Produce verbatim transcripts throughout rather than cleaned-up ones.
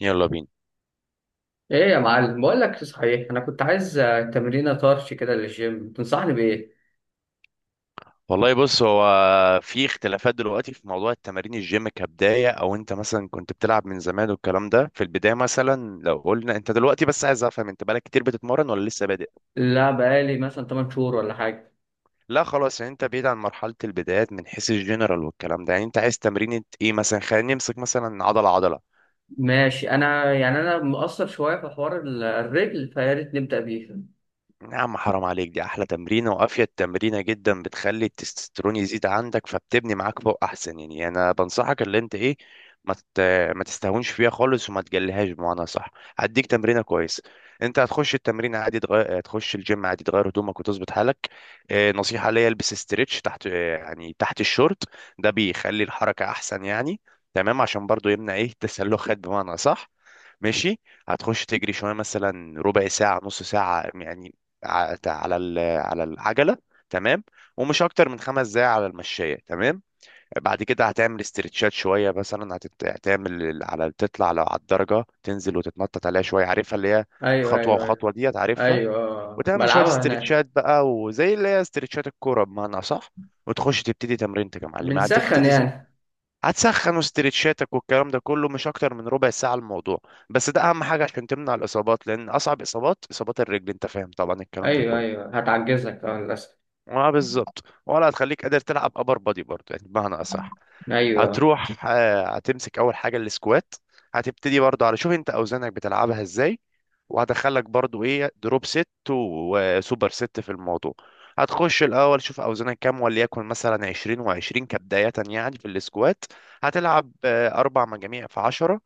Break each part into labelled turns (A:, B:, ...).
A: يلا بينا.
B: ايه يا معلم، بقول لك صحيح، انا كنت عايز آه، تمرينه طرش كده للجيم. تنصحني بايه؟
A: والله بص، هو في اختلافات دلوقتي في موضوع التمارين الجيم كبداية، او انت مثلا كنت بتلعب من زمان والكلام ده. في البداية مثلا لو قلنا انت دلوقتي، بس عايز افهم انت بقالك كتير بتتمرن ولا لسه بادئ؟
B: لا، بقالي مثلا 8 شهور ولا حاجه.
A: لا خلاص، يعني انت بعيد عن مرحلة البدايات من حيث الجنرال والكلام ده. يعني انت عايز تمرين ايه مثلا؟ خلينا نمسك مثلا عضلة عضلة.
B: ماشي، انا يعني انا مقصر شويه في حوار ال- الرجل، فيا ريت نبدا بيه.
A: يا عم حرام عليك، دي احلى تمرينه وافيد تمرينه جدا، بتخلي التستوستيرون يزيد عندك فبتبني معاك فوق احسن. يعني انا بنصحك اللي انت ايه، ما تت- ما تستهونش فيها خالص وما تجليهاش بمعنى صح. هديك تمرينه كويسه. انت هتخش التمرين عادي، تغير، تخش الجيم عادي، تغير هدومك وتظبط حالك. آه، نصيحه ليا البس استريتش تحت، آه، يعني تحت الشورت. ده بيخلي الحركه احسن يعني. تمام، عشان برضو يمنع ايه، تسلخات بمعنى صح. ماشي، هتخش تجري شويه، مثلا ربع ساعه نص ساعه يعني، ع- على ال- على العجله. تمام. ومش اكتر من خمس دقايق على المشايه. تمام. بعد كده هتعمل استرتشات شويه، مثلا هتت- هتعمل ال- على، تطلع لو على الدرجه تنزل وتتنطط عليها شويه، عارفها اللي هي
B: ايوه،
A: خطوه
B: ايوه، ايوه.
A: وخطوه، دي هتعرفها.
B: ايوه، آه.
A: وتعمل شويه
B: بلعبها هناك.
A: استرتشات بقى، وزي اللي هي استرتشات الكوره بمعنى صح. وتخش تبتدي تمرينتك يا معلم.
B: بنسخن
A: هتبتدي س-
B: يعني.
A: هتسخن، استرتشاتك والكلام ده كله مش اكتر من ربع ساعه الموضوع. بس ده اهم حاجه عشان تمنع الاصابات، لان اصعب اصابات اصابات الرجل، انت فاهم طبعا الكلام ده
B: ايوه،
A: كله.
B: ايوه، هتعجزك، اه، للاسف.
A: اه بالظبط. ولا هتخليك قادر تلعب ابر بادي برضه يعني بمعنى اصح.
B: ايوه.
A: هتروح آه، هتمسك اول حاجه السكوات. هتبتدي برضه على، شوف انت اوزانك بتلعبها ازاي، وهدخلك برضه ايه، دروب ست وسوبر ست في الموضوع. هتخش الاول شوف اوزانك كام، وليكن مثلا عشرين و20 كبدايه يعني في السكوات. هتلعب آه، اربع مجاميع في عشرة،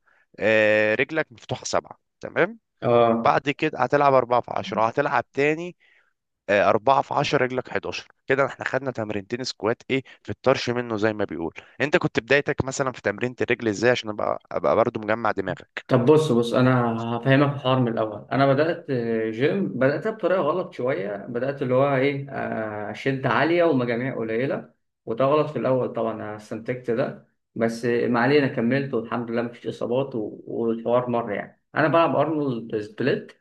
A: رجلك مفتوحه سبعه. تمام.
B: اه.
A: بعد كده هتلعب أربعة في عشرة، هتلعب تاني آه، اربعة في عشرة رجلك حداشر. كده احنا خدنا تمرينتين سكوات، ايه في الطرش منه زي ما بيقول. انت كنت بدايتك مثلا في تمرينة الرجل ازاي، عشان ابقى ابقى برضو مجمع دماغك.
B: طب بص بص، انا هفهمك الحوار من الاول. انا بدات جيم، بداتها بطريقه غلط شويه، بدات اللي هو ايه، آه، شد عاليه ومجاميع قليله، وده غلط في الاول طبعا. انا استنتجت ده، بس ما علينا، كملت والحمد لله مفيش اصابات، و- والحوار مر يعني. انا بلعب ارنولد سبليت،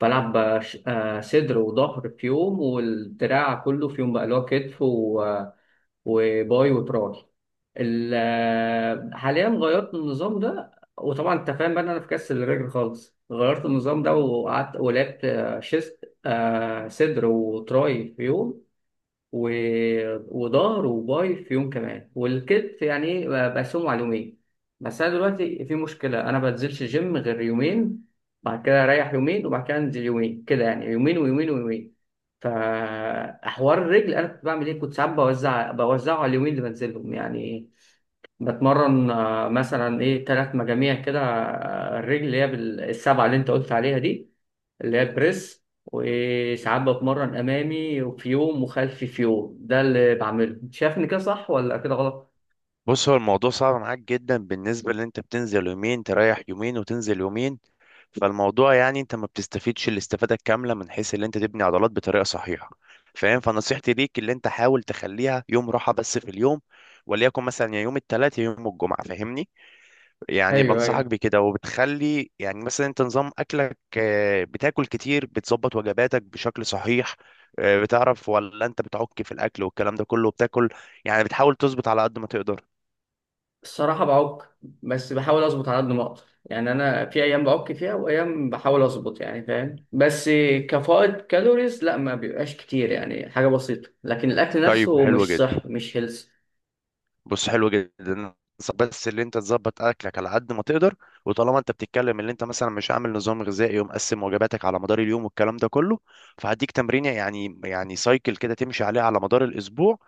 B: بلعب آه، ش- آه، صدر وظهر في يوم، والدراع كله في يوم بقى، اللي هو كتف وباي وتراي. ال- حاليا غيرت النظام ده، وطبعا انت فاهم بقى ان انا في كاس الرجل خالص غيرت النظام ده، وقعدت ولعبت آه، شيست، آه، صدر وتراي في يوم و... وظهر وباي في يوم كمان، والكتف يعني ايه، ب- بقسمه على يومين. بس انا دلوقتي في مشكله، انا ما بنزلش جيم غير يومين. بعد كده اريح يومين، وبعد كده انزل يومين، كده يعني، يومين ويومين ويومين. فحوار الرجل انا كنت بعمل ايه، كنت ساعات بوزع بوزعه على اليومين اللي بنزلهم يعني. بتمرن آه، مثلا ايه، ثلاث مجاميع كده، آه، الرجل اللي هي بالسبعه اللي انت قلت عليها دي، اللي هي البريس. وساعات بتمرن امامي وفي يوم، وخلفي في يوم. ده اللي بعمله. انت شايف ان كده صح ولا كده غلط؟
A: بص هو الموضوع صعب معاك جدا، بالنسبة ان انت بتنزل يومين تريح يومين وتنزل يومين. فالموضوع يعني انت ما بتستفيدش الاستفادة الكاملة من حيث ان انت تبني عضلات بطريقة صحيحة فاهم. فنصيحتي ليك اللي انت حاول تخليها يوم راحة بس في اليوم، وليكن مثلا يا يوم الثلاث يا يوم الجمعة، فاهمني. يعني
B: ايوه،
A: بنصحك
B: ايوه.
A: بكده. وبتخلي يعني مثلا انت نظام اكلك، آه، بتاكل كتير، بتظبط وجباتك بشكل صحيح، آه، بتعرف، ولا انت بتعك في الاكل والكلام ده كله، بتاكل يعني بتحاول تظبط على قد ما تقدر.
B: الصراحه بعك، بس بحاول اظبط على قد ما اقدر يعني. انا في ايام بعك فيها، وايام بحاول اظبط يعني، فاهم؟ بس كفائض كالوريز لا، ما بيبقاش كتير يعني، حاجه بسيطه. لكن الاكل
A: طيب
B: نفسه
A: حلو
B: مش
A: جدا.
B: صح، مش هيلث.
A: بص حلو جدا، بس اللي انت تظبط اكلك على قد ما تقدر. وطالما انت بتتكلم اللي انت مثلا مش عامل نظام غذائي ومقسم وجباتك على مدار اليوم والكلام ده كله، فهديك تمرين يعني يعني سايكل كده تمشي عليه على مدار الاسبوع.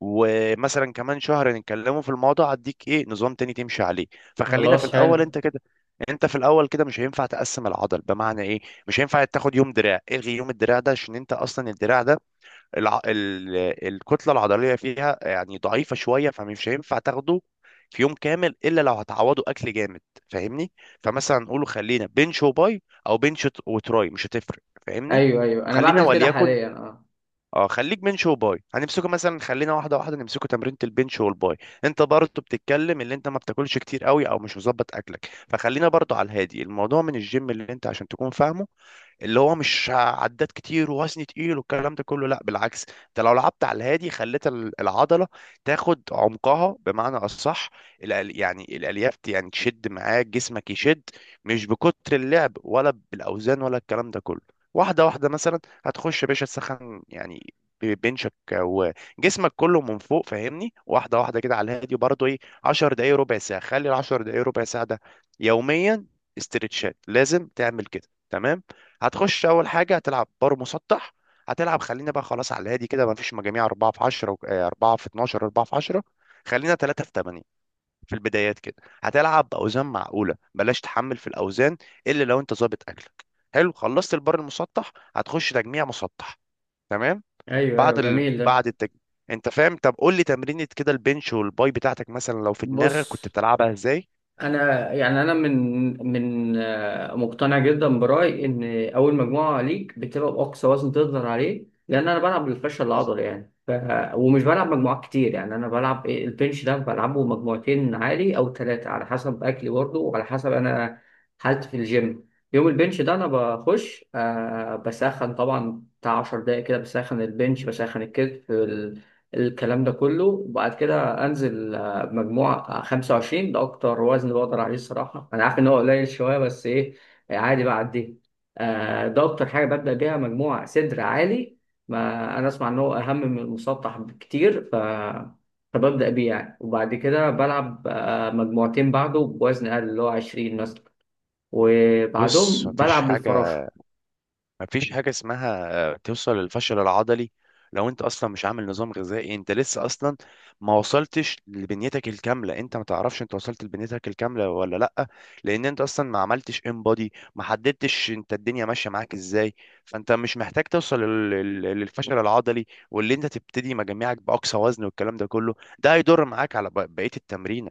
A: ومثلا كمان شهر نتكلموا في الموضوع هديك ايه نظام تاني تمشي عليه. فخلينا في
B: خلاص،
A: الاول
B: حلو.
A: انت كده. انت في الاول كده مش هينفع تقسم العضل. بمعنى ايه؟ مش هينفع تاخد يوم دراع، الغي يوم الدراع ده، عشان انت اصلا الدراع ده الع... ال... الكتله العضليه فيها يعني ضعيفه شويه، فمش هينفع تاخده في يوم كامل، الا لو هتعوضه اكل جامد فاهمني. فمثلا نقوله خلينا بنش وباي، او بنش وت- وتراي، مش هتفرق فاهمني.
B: ايوه، ايوه، انا
A: وخلينا
B: بعمل كده
A: وليكن،
B: حاليا، اه.
A: اه خليك بنش وباي. هنمسكه مثلا، خلينا واحده واحده نمسكه، تمرينة البنش والباي. انت برضه بتتكلم اللي انت ما بتاكلش كتير قوي او مش مظبط اكلك، فخلينا برضه على الهادي الموضوع من الجيم، اللي انت عشان تكون فاهمه. اللي هو مش عدات كتير ووزن تقيل والكلام ده كله، لا بالعكس، انت لو لعبت على الهادي خليت ال- العضله تاخد عمقها بمعنى اصح. الأل- يعني الالياف ت- يعني تشد معاك، جسمك يشد، مش بكتر اللعب ولا بالاوزان ولا الكلام ده كله. واحده واحده مثلا، هتخش يا باشا تسخن يعني، ب- بنشك وجسمك كله من فوق فاهمني، واحده واحده كده على الهادي. وبرضه ايه، عشر دقايق ربع ساعه، خلي ال عشر دقايق ربع ساعه ده يوميا، استرتشات لازم تعمل كده. تمام. هتخش اول حاجه هتلعب بار مسطح. هتلعب، خلينا بقى خلاص على الهادي كده، ما فيش مجاميع اربعة في عشرة اربعة في اثنا عشر اربعة في عشرة، خلينا تلاتة في ثمانية في البدايات كده. هتلعب باوزان معقوله، بلاش تحمل في الاوزان الا لو انت ظابط اكلك. حلو. خلصت البار المسطح، هتخش تجميع مسطح. تمام.
B: ايوه، ايوه،
A: بعد ال...
B: جميل ده.
A: بعد التج... انت فاهم، طب قول لي تمرينة كده البنش والباي بتاعتك مثلا لو في
B: بص،
A: دماغك كنت بتلعبها ازاي.
B: انا يعني انا من من آه، مقتنع جدا برايي ان اول مجموعه ليك بتبقى باقصى وزن تقدر عليه، لان انا بلعب بالفشل العضلي يعني. ف... ومش بلعب مجموعات كتير يعني. انا بلعب إيه، البنش ده بلعبه مجموعتين عالي او ثلاثه، على حسب اكلي برضه، وعلى حسب انا حالتي في الجيم. يوم البنش ده انا بخش، آه بسخن طبعا بتاع 10 دقايق كده، بسخن البنش، بسخن الكتف، ال... الكلام ده كله. وبعد كده انزل مجموع خمسة وعشرين. ده اكتر وزن بقدر عليه الصراحه. انا عارف ان هو قليل شويه، بس ايه، آه، عادي بعديه. آه ده اكتر حاجه ببدا بيها، مجموع صدر عالي، ما انا اسمع ان هو اهم من المسطح بكتير. ف فببدا بيه يعني. وبعد كده بلعب آه مجموعتين بعده بوزن اقل، اللي هو عشرين مثلا،
A: بص،
B: وبعدهم
A: مفيش
B: بلعب
A: حاجة،
B: بالفراشه.
A: مفيش حاجة اسمها آه، توصل للفشل العضلي لو انت اصلا مش عامل نظام غذائي. انت لسه اصلا ما وصلتش لبنيتك الكاملة، انت ما تعرفش انت وصلت لبنيتك الكاملة ولا لأ. لان انت اصلا ما عملتش انبادي، ما حددتش انت الدنيا ماشية معاك ازاي. فانت مش محتاج توصل لل- لل- للفشل العضلي. واللي انت تبتدي مجاميعك بأقصى وزن والكلام ده كله، ده هيضر معاك على ب- بقية التمرينة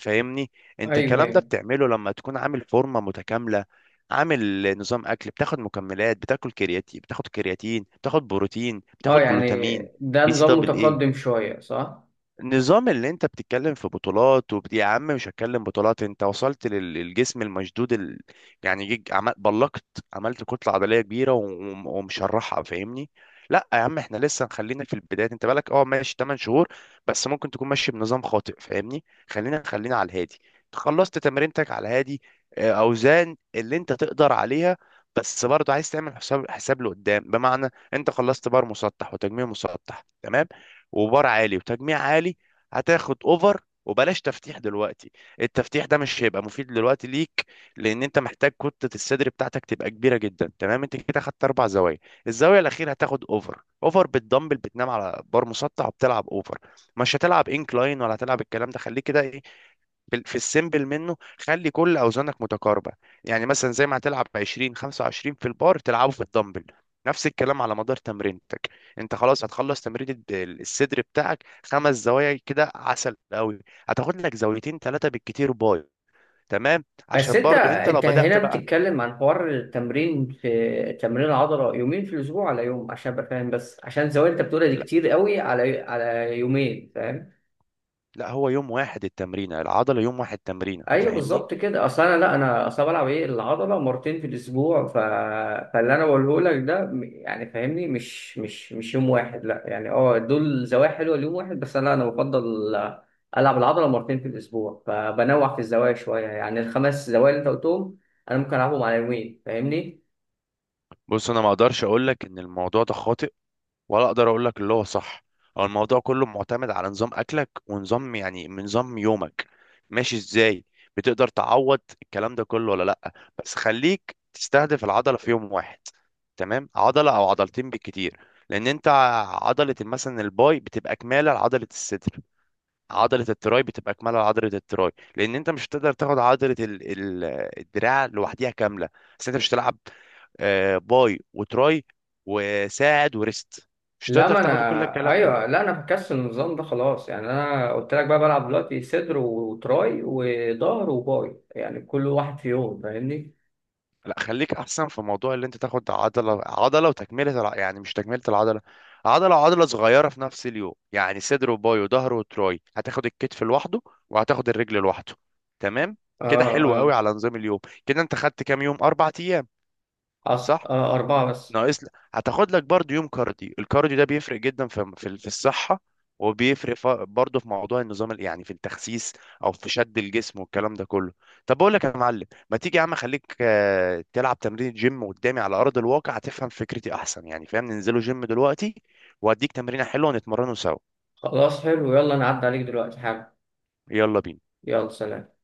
A: فاهمني. انت
B: ايوه،
A: الكلام ده
B: ايوه،
A: بتعمله لما تكون عامل فورمة متكاملة، عامل نظام اكل، بتاخد مكملات، بتاكل كرياتين، بتاخد كرياتين، بتاخد بروتين،
B: اه
A: بتاخد
B: يعني.
A: جلوتامين،
B: ده
A: بي سي
B: نظام
A: دبل
B: متقدم
A: ايه.
B: شويه، صح؟
A: النظام اللي انت بتتكلم في بطولات وبت... يا عم مش هتكلم بطولات. انت وصلت لل- للجسم المشدود ال... يعني جيج عمل... بلقت، عملت كتلة عضلية كبيرة و... وم- ومشرحها فاهمني. لا يا عم احنا لسه خلينا في البداية، انت بالك اه ماشي ثمانية شهور، بس ممكن تكون ماشي بنظام خاطئ فاهمني. خلينا خلينا على الهادي. خلصت تمرينتك على الهادي، اه، اوزان اللي انت تقدر عليها. بس برضه عايز تعمل حساب، حساب لقدام. بمعنى، انت خلصت بار مسطح وتجميع مسطح تمام، وبار عالي وتجميع عالي، هتاخد اوفر، وبلاش تفتيح دلوقتي. التفتيح ده مش هيبقى مفيد دلوقتي ليك، لان انت محتاج كتلة الصدر بتاعتك تبقى كبيرة جدا. تمام. انت كده خدت اربع زوايا، الزاوية الاخيرة هتاخد اوفر. اوفر بالدمبل، بتنام على بار مسطح وبتلعب اوفر، مش هتلعب انكلاين ولا هتلعب الكلام ده. خليك كده ايه، بال- في السيمبل منه، خلي كل اوزانك متقاربه. يعني مثلا زي ما هتلعب عشرين خمسة وعشرين في البار تلعبه في الدمبل، نفس الكلام على مدار تمرينتك. انت خلاص هتخلص تمرين الد- الصدر بتاعك خمس زوايا كده، عسل قوي. هتاخد لك زاويتين ثلاثه بالكتير باي. تمام،
B: بس
A: عشان
B: انت
A: برضو انت لو
B: انت
A: بدأت
B: هنا
A: بقى.
B: بتتكلم عن حوار التمرين، في تمرين عضلة يومين في الاسبوع على يوم عشان ابقى فاهم بس، عشان الزوايا اللي انت بتقولها دي
A: لا
B: كتير قوي على على يومين، فاهم؟
A: لا هو يوم واحد التمرينه العضله، يوم واحد تمرينه
B: ايوه
A: فاهمني.
B: بالظبط كده. اصل انا، لا، انا اصل أنا بلعب ايه، العضله مرتين في الاسبوع. ف... فاللي انا بقوله لك ده م- يعني فاهمني، مش مش مش يوم واحد. لا يعني، اه دول زوايا حلوه ليوم واحد، بس انا انا بفضل العب العضله مرتين في الاسبوع، فبنوع في الزوايا شويه يعني. الخمس زوايا اللي انت قلتهم انا ممكن العبهم على يومين، فاهمني؟
A: بص انا ما اقدرش اقول لك ان الموضوع ده خاطئ، ولا اقدر اقول لك اللي هو صح. هو الموضوع كله معتمد على نظام اكلك، ونظام يعني من نظام يومك، ماشي ازاي، بتقدر تعوض الكلام ده كله ولا لا. بس خليك تستهدف العضله في يوم واحد. تمام، عضله او عضلتين بالكتير. لان انت، عضله مثلا الباي بتبقى كماله لعضله الصدر، عضله التراي بتبقى كماله لعضله التراي. لان انت مش هتقدر تاخد عضله ال- ال- الدراع لوحديها كامله. بس انت مش هتلعب آه، باي وتراي وساعد وريست، مش
B: لا،
A: تقدر
B: ما
A: تاخد كل
B: انا،
A: الكلام ده.
B: ايوه، لا، انا بكسل النظام ده خلاص يعني. انا قلت لك بقى بلعب دلوقتي صدر وتراي وظهر وباي، يعني كل واحد في يوم، فاهمني؟
A: لا خليك احسن في موضوع اللي انت تاخد عضله عضله، وتكمله الع- يعني مش تكمله العضله، عضله وعضله صغيره في نفس اليوم، يعني صدر وباي وظهر وتراي. هتاخد الكتف لوحده، وهتاخد الرجل لوحده. تمام، كده
B: اه،
A: حلو قوي
B: اه.
A: على نظام اليوم. كده انت خدت كام يوم، اربع ايام.
B: أص...
A: صح.
B: آه اربعه بس.
A: ناقص لك هتاخد لك برضو يوم كارديو، الكارديو ده بيفرق جدا في في في الصحة، وبيفرق ف- برضو في موضوع النظام ال- يعني في التخسيس او في شد الجسم والكلام ده كله. طب بقول لك يا معلم، ما تيجي يا عم خليك آه، تلعب تمرين جيم قدامي على ارض الواقع، هتفهم فكرتي احسن يعني فاهم. ننزلوا جيم دلوقتي واديك تمرينة حلوة ونتمرنوا سوا.
B: خلاص، حلو، يلا، انا عدى عليك دلوقتي حاجه.
A: يلا بينا.
B: يلا، سلام.